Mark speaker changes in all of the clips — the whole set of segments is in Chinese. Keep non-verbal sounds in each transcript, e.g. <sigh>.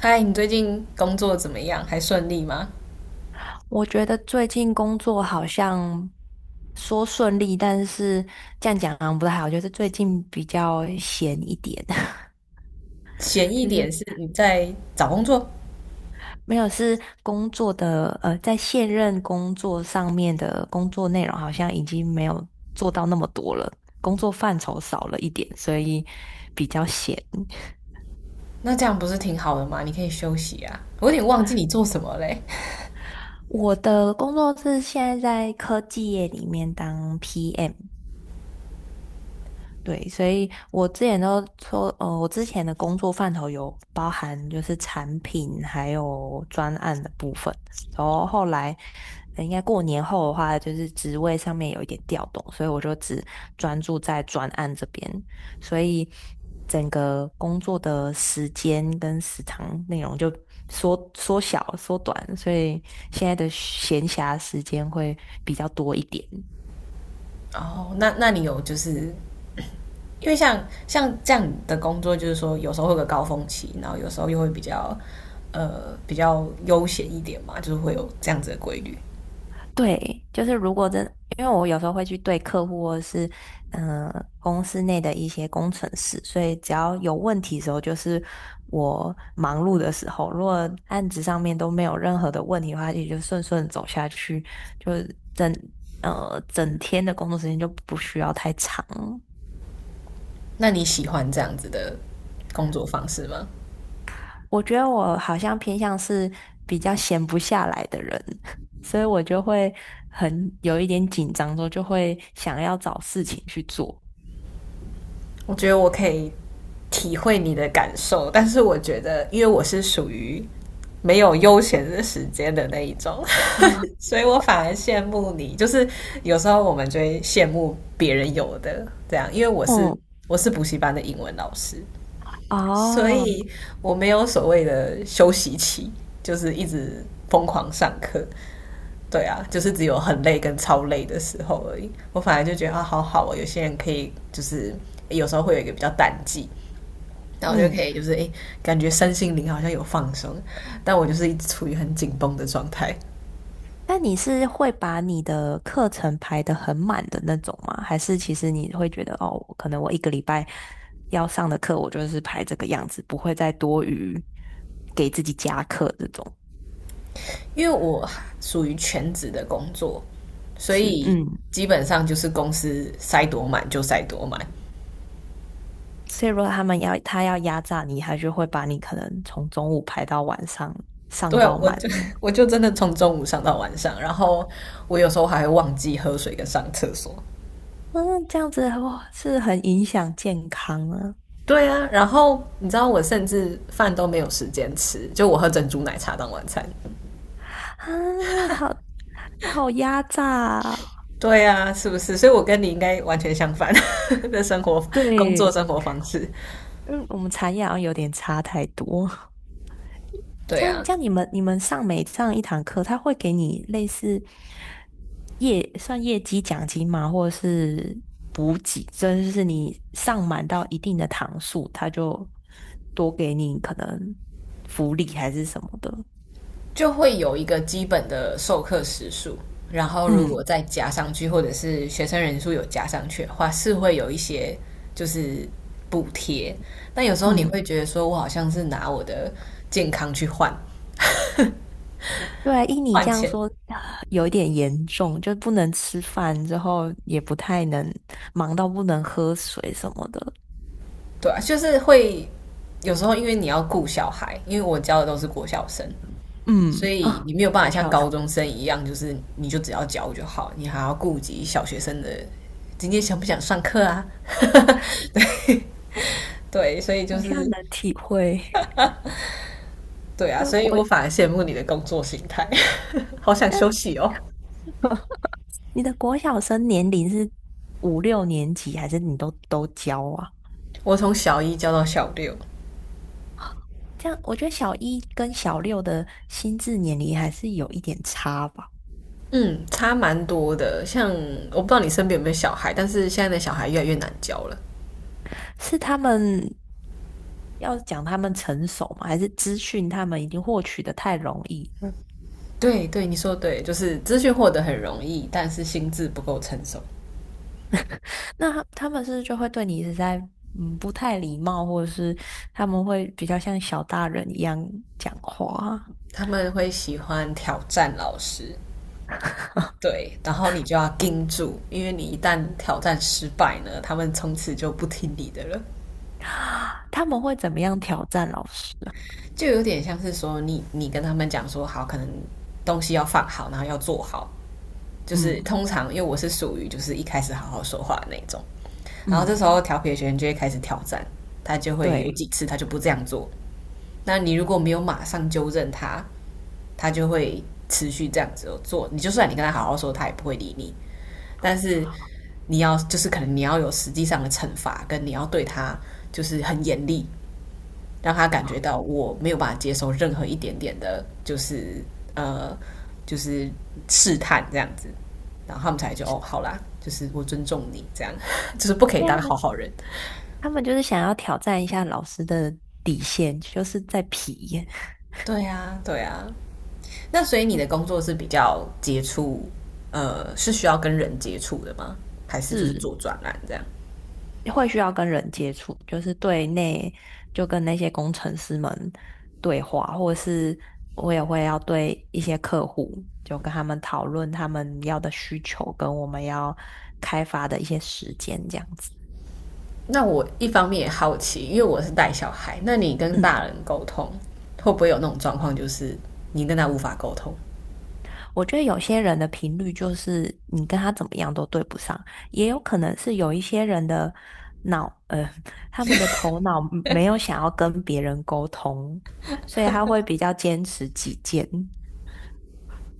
Speaker 1: 嗨，你最近工作怎么样？还顺利吗？
Speaker 2: 我觉得最近工作好像说顺利，但是这样讲好像不太好。就是最近比较闲一点，<laughs>
Speaker 1: 闲一
Speaker 2: 就是
Speaker 1: 点是你在找工作，
Speaker 2: 没有是工作的在现任工作上面的工作内容好像已经没有做到那么多了，工作范畴少了一点，所以比较闲。
Speaker 1: 那这样不是挺好的吗？你可以休息啊。我有点忘记你做什么嘞。
Speaker 2: 我的工作是现在在科技业里面当 PM，对，所以我之前都说，我之前的工作范畴有包含就是产品还有专案的部分，然后后来应该过年后的话，就是职位上面有一点调动，所以我就只专注在专案这边，所以整个工作的时间跟时长内容就缩短，所以现在的闲暇时间会比较多一点。
Speaker 1: 哦，那你有就是因为像这样的工作，就是说有时候会有个高峰期，然后有时候又会比较比较悠闲一点嘛，就是会有这样子的规律。
Speaker 2: 对，就是如果真，因为我有时候会去对客户或者是公司内的一些工程师，所以只要有问题的时候，就是我忙碌的时候，如果案子上面都没有任何的问题的话，也就顺顺走下去，就是整整天的工作时间就不需要太长。
Speaker 1: 那你喜欢这样子的工作方式吗？
Speaker 2: 我觉得我好像偏向是比较闲不下来的人，<laughs> 所以我就会很有一点紧张之后，就会想要找事情去做。
Speaker 1: 我觉得我可以体会你的感受，但是我觉得，因为我是属于没有悠闲的时间的那一种 <laughs>，
Speaker 2: <laughs>
Speaker 1: 所以我反而羡慕你。就是有时候我们就会羡慕别人有的这样，因为我是
Speaker 2: 嗯，
Speaker 1: 我是补习班的英文老师，所
Speaker 2: 哦，
Speaker 1: 以我没有所谓的休息期，就是一直疯狂上课。对啊，就是只有很累跟超累的时候而已。我反而就觉得啊，好好哦，有些人可以就是有时候会有一个比较淡季，然后就可
Speaker 2: 嗯，
Speaker 1: 以就是诶，感觉身心灵好像有放松，但我就是一直处于很紧绷的状态，
Speaker 2: 那你是会把你的课程排得很满的那种吗？还是其实你会觉得，哦，可能我一个礼拜要上的课，我就是排这个样子，不会再多余给自己加课这种？
Speaker 1: 因为我属于全职的工作，所
Speaker 2: 是，
Speaker 1: 以
Speaker 2: 嗯，
Speaker 1: 基本上就是公司塞多满就塞多满。
Speaker 2: 所以如果他们要压榨你，他就会把你可能从中午排到晚上，上
Speaker 1: 对啊，
Speaker 2: 到
Speaker 1: 我
Speaker 2: 满
Speaker 1: 就
Speaker 2: 这样。
Speaker 1: <laughs> 我就真的从中午上到晚上，然后我有时候还会忘记喝水跟上厕所，
Speaker 2: 嗯，这样子哇，是很影响健康啊！
Speaker 1: 对啊，然后你知道我甚至饭都没有时间吃，就我喝珍珠奶茶当晚餐。
Speaker 2: 啊，好好压榨啊，
Speaker 1: 对啊，是不是？所以我跟你应该完全相反 <laughs> 的生活、工作
Speaker 2: 对。
Speaker 1: 生活方式。
Speaker 2: 嗯，我们产业好像有点差太多。<laughs>
Speaker 1: 对
Speaker 2: 这
Speaker 1: 啊，
Speaker 2: 样，这样你们上每上一堂课，他会给你类似业绩奖金吗？或者是补给？真就是你上满到一定的堂数，他就多给你可能福利还是什么的。
Speaker 1: 就会有一个基本的授课时数，然后如果
Speaker 2: 嗯
Speaker 1: 再加上去，或者是学生人数有加上去的话，是会有一些就是补贴。但有时候你
Speaker 2: 嗯，
Speaker 1: 会觉得说，我好像是拿我的健康去换
Speaker 2: 对啊，依你
Speaker 1: 换
Speaker 2: 这样
Speaker 1: 钱，
Speaker 2: 说，啊有一点严重，就不能吃饭，之后也不太能忙到不能喝水什么的。
Speaker 1: 对啊，就是会有时候因为你要顾小孩，因为我教的都是国小生，所
Speaker 2: 嗯
Speaker 1: 以
Speaker 2: 啊，
Speaker 1: 你没有办法
Speaker 2: 我
Speaker 1: 像
Speaker 2: 小
Speaker 1: 高中生一样，就是你就只要教就好，你还要顾及小学生的今天想不想上课啊？<laughs> 对对，所以就
Speaker 2: 好像
Speaker 1: 是
Speaker 2: 能体会，
Speaker 1: 对
Speaker 2: <laughs>
Speaker 1: 啊，
Speaker 2: 就
Speaker 1: 所以
Speaker 2: 国，
Speaker 1: 我反而羡慕你的工作形态，<laughs> 好想
Speaker 2: 但
Speaker 1: 休息哦。
Speaker 2: <laughs> 你的国小生年龄是五六年级，还是你都教啊？
Speaker 1: 我从小一教到小六，
Speaker 2: 这样，我觉得小一跟小六的心智年龄还是有一点差吧。
Speaker 1: 嗯，差蛮多的。像我不知道你身边有没有小孩，但是现在的小孩越来越难教了。
Speaker 2: 是他们要讲他们成熟吗？还是资讯他们已经获取的太容易了？
Speaker 1: 对对，你说对，就是资讯获得很容易，但是心智不够成熟，
Speaker 2: 那他们是不是就会对你是在不太礼貌，或者是他们会比较像小大人一样讲话啊
Speaker 1: 他们会喜欢挑战老师。对，然后你就要盯住，因为你一旦挑战失败呢，他们从此就不听你的了，
Speaker 2: 他们会怎么样挑战老师？
Speaker 1: 就有点像是说你跟他们讲说好，可能东西要放好，然后要做好，就是
Speaker 2: 嗯
Speaker 1: 通常因为我是属于就是一开始好好说话的那种，然后这时
Speaker 2: 嗯，
Speaker 1: 候调皮的学生就会开始挑战，他就会有
Speaker 2: 对，
Speaker 1: 几次他就不这样做，那你如果没有马上纠正他，他就会持续这样子做。你就算你跟他好好说，他也不会理你。但是你要就是可能你要有实际上的惩罚，跟你要对他就是很严厉，让他感觉到我没有办法接受任何一点点的，就是呃，就是试探这样子。然后他们才就哦，好啦，就是我尊重你这样，<laughs> 就是不可以
Speaker 2: 因为他
Speaker 1: 当好
Speaker 2: 们
Speaker 1: 好人。
Speaker 2: 他们就是想要挑战一下老师的底线，就是在皮，
Speaker 1: 对呀、对呀、那所以你的工
Speaker 2: <laughs>
Speaker 1: 作是比较接触，呃，是需要跟人接触的吗？还是就是
Speaker 2: 是
Speaker 1: 做专栏这样？
Speaker 2: 会需要跟人接触，就是对内就跟那些工程师们对话，或者是我也会要对一些客户，就跟他们讨论他们要的需求跟我们要开发的一些时间这样子。
Speaker 1: 那我一方面也好奇，因为我是带小孩，那你跟大人
Speaker 2: <clears throat>
Speaker 1: 沟通会不会有那种状况，就是你跟他无法沟通？
Speaker 2: 我觉得有些人的频率就是你跟他怎么样都对不上，也有可能是有一些人的脑，呃，<laughs> 他们的头脑没有想要跟别人沟通，所以他会比较坚持己见。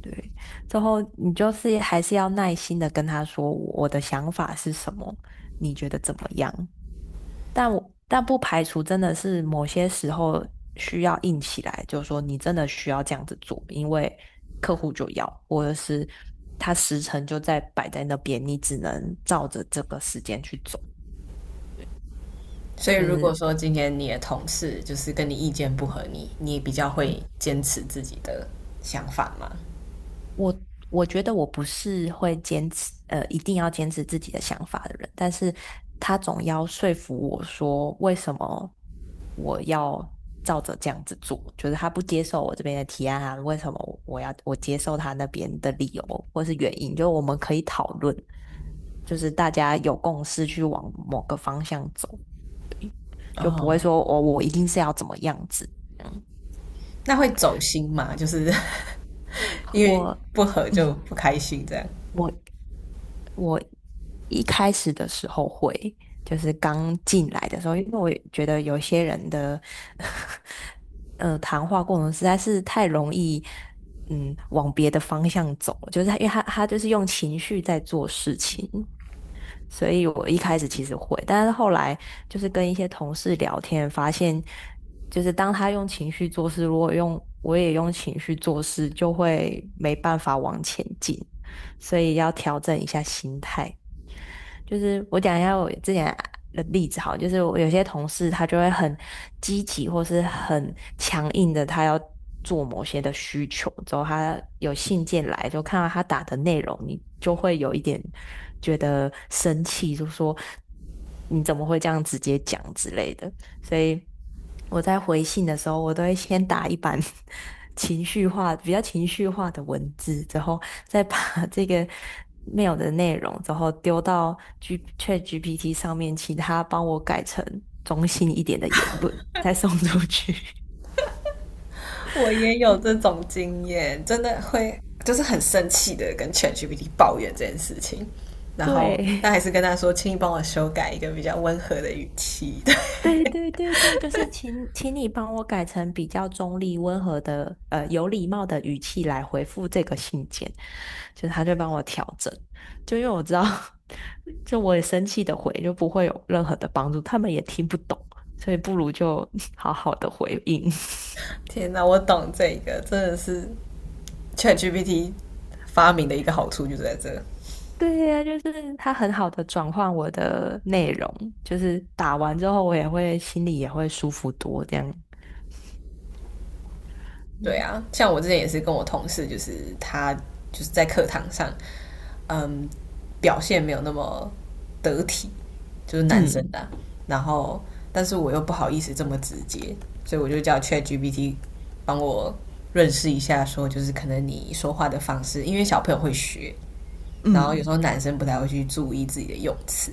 Speaker 2: 对，最后你就是还是要耐心的跟他说我的想法是什么，你觉得怎么样？但不排除真的是某些时候需要硬起来，就是说你真的需要这样子做，因为客户就要，或者是他时辰就在摆在那边，你只能照着这个时间去走，
Speaker 1: 所以
Speaker 2: 就
Speaker 1: 如果
Speaker 2: 是。
Speaker 1: 说今天你的同事就是跟你意见不合你，你比较会坚持自己的想法吗？
Speaker 2: 我我觉得我不是会坚持，一定要坚持自己的想法的人，但是他总要说服我说为什么我要照着这样子做，就是他不接受我这边的提案啊，为什么我要接受他那边的理由或是原因，就我们可以讨论，就是大家有共识去往某个方向走，就不会
Speaker 1: 哦，
Speaker 2: 说我一定是要怎么样子，嗯，
Speaker 1: 那会走心吗？就是 <laughs> 因为
Speaker 2: 我
Speaker 1: 不合就
Speaker 2: 嗯。
Speaker 1: 不开心这样。
Speaker 2: 我我一开始的时候会，就是刚进来的时候，因为我也觉得有些人的 <laughs> 谈话过程实在是太容易，嗯，往别的方向走，就是他因为他他就是用情绪在做事情，所以我一开始其实会，但是后来就是跟一些同事聊天，发现就是当他用情绪做事，如果用我也用情绪做事，就会没办法往前进。所以要调整一下心态。就是我讲一下我之前的例子好了就是我有些同事他就会很积极或是很强硬的，他要做某些的需求，之后他有信件来，就看到他打的内容，你就会有一点觉得生气，就说你怎么会这样直接讲之类的。所以我在回信的时候，我都会先打一版 <laughs> 情绪化、比较情绪化的文字，之后再把 <laughs> 这个 mail 的内容，之后丢到 ChatGPT 上面，请他帮我改成中性一点的言论，再送出去。
Speaker 1: 我也有这种经验，真的会就是很生气的跟 ChatGPT 抱怨这件事情，
Speaker 2: <laughs>
Speaker 1: 然后
Speaker 2: 对，
Speaker 1: 但还是跟他说，请你帮我修改一个比较温和的语气。<laughs> 对，
Speaker 2: 对对对对，就是请你帮我改成比较中立、温和的，有礼貌的语气来回复这个信件，就是他就帮我调整，就因为我知道，<laughs> 就我也生气的回，就不会有任何的帮助，他们也听不懂，所以不如就 <laughs> 好好的回应。
Speaker 1: 天哪，我懂这个，真的是 ChatGPT 发明的一个好处就在这。
Speaker 2: <laughs> 对呀，就是他很好的转换我的内容，就是打完之后我也会心里也会舒服多这样。
Speaker 1: 对
Speaker 2: 嗯
Speaker 1: 啊，像我之前也是跟我同事，就是他就是在课堂上，嗯，表现没有那么得体，就是男生
Speaker 2: 嗯。
Speaker 1: 的啊然后，但是我又不好意思这么直接，所以我就叫 ChatGPT 帮我认识一下，说就是可能你说话的方式，因为小朋友会学，然后有时候
Speaker 2: 嗯
Speaker 1: 男生不太会去注意自己的用词，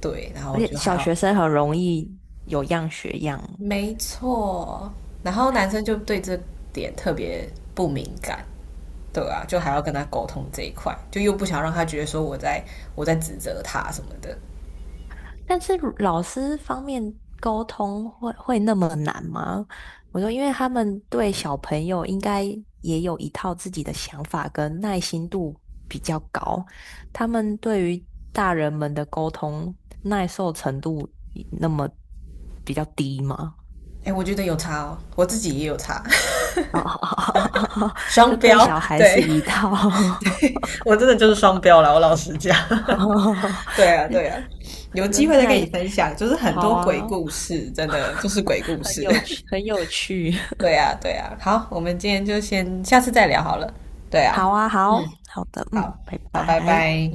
Speaker 1: 对，然后
Speaker 2: 而
Speaker 1: 我
Speaker 2: 且
Speaker 1: 就还
Speaker 2: 小
Speaker 1: 要，
Speaker 2: 学生很容易有样学样，
Speaker 1: 没错，然后男生就对这点特别不敏感。对啊，就还要跟他沟通这一块，就又不想让他觉得说我在指责他什么的，
Speaker 2: 但是老师方面沟通会那么难吗？我说，因为他们对小朋友应该也有一套自己的想法跟耐心度比较高，他们对于大人们的沟通耐受程度那么比较低吗？
Speaker 1: 哎，我觉得有差哦，我自己也有差，<laughs>
Speaker 2: <laughs> 就
Speaker 1: 双
Speaker 2: 对
Speaker 1: 标。
Speaker 2: 小孩是
Speaker 1: 对
Speaker 2: 一套，
Speaker 1: <laughs> 我真的就是双标了，我老实讲。
Speaker 2: <laughs>
Speaker 1: <laughs> 对啊，对啊，有机
Speaker 2: 人
Speaker 1: 会再跟你
Speaker 2: 奶
Speaker 1: 分享，就是很
Speaker 2: 好
Speaker 1: 多鬼
Speaker 2: 啊，
Speaker 1: 故事，真的就
Speaker 2: <laughs>
Speaker 1: 是鬼故
Speaker 2: 很
Speaker 1: 事。
Speaker 2: 有趣，很有趣。
Speaker 1: <laughs> 对
Speaker 2: <laughs>
Speaker 1: 啊，对啊。好，我们今天就先下次再聊好了。对啊，
Speaker 2: 好啊，好好的，
Speaker 1: 好，
Speaker 2: 嗯，拜
Speaker 1: 好，拜
Speaker 2: 拜。
Speaker 1: 拜。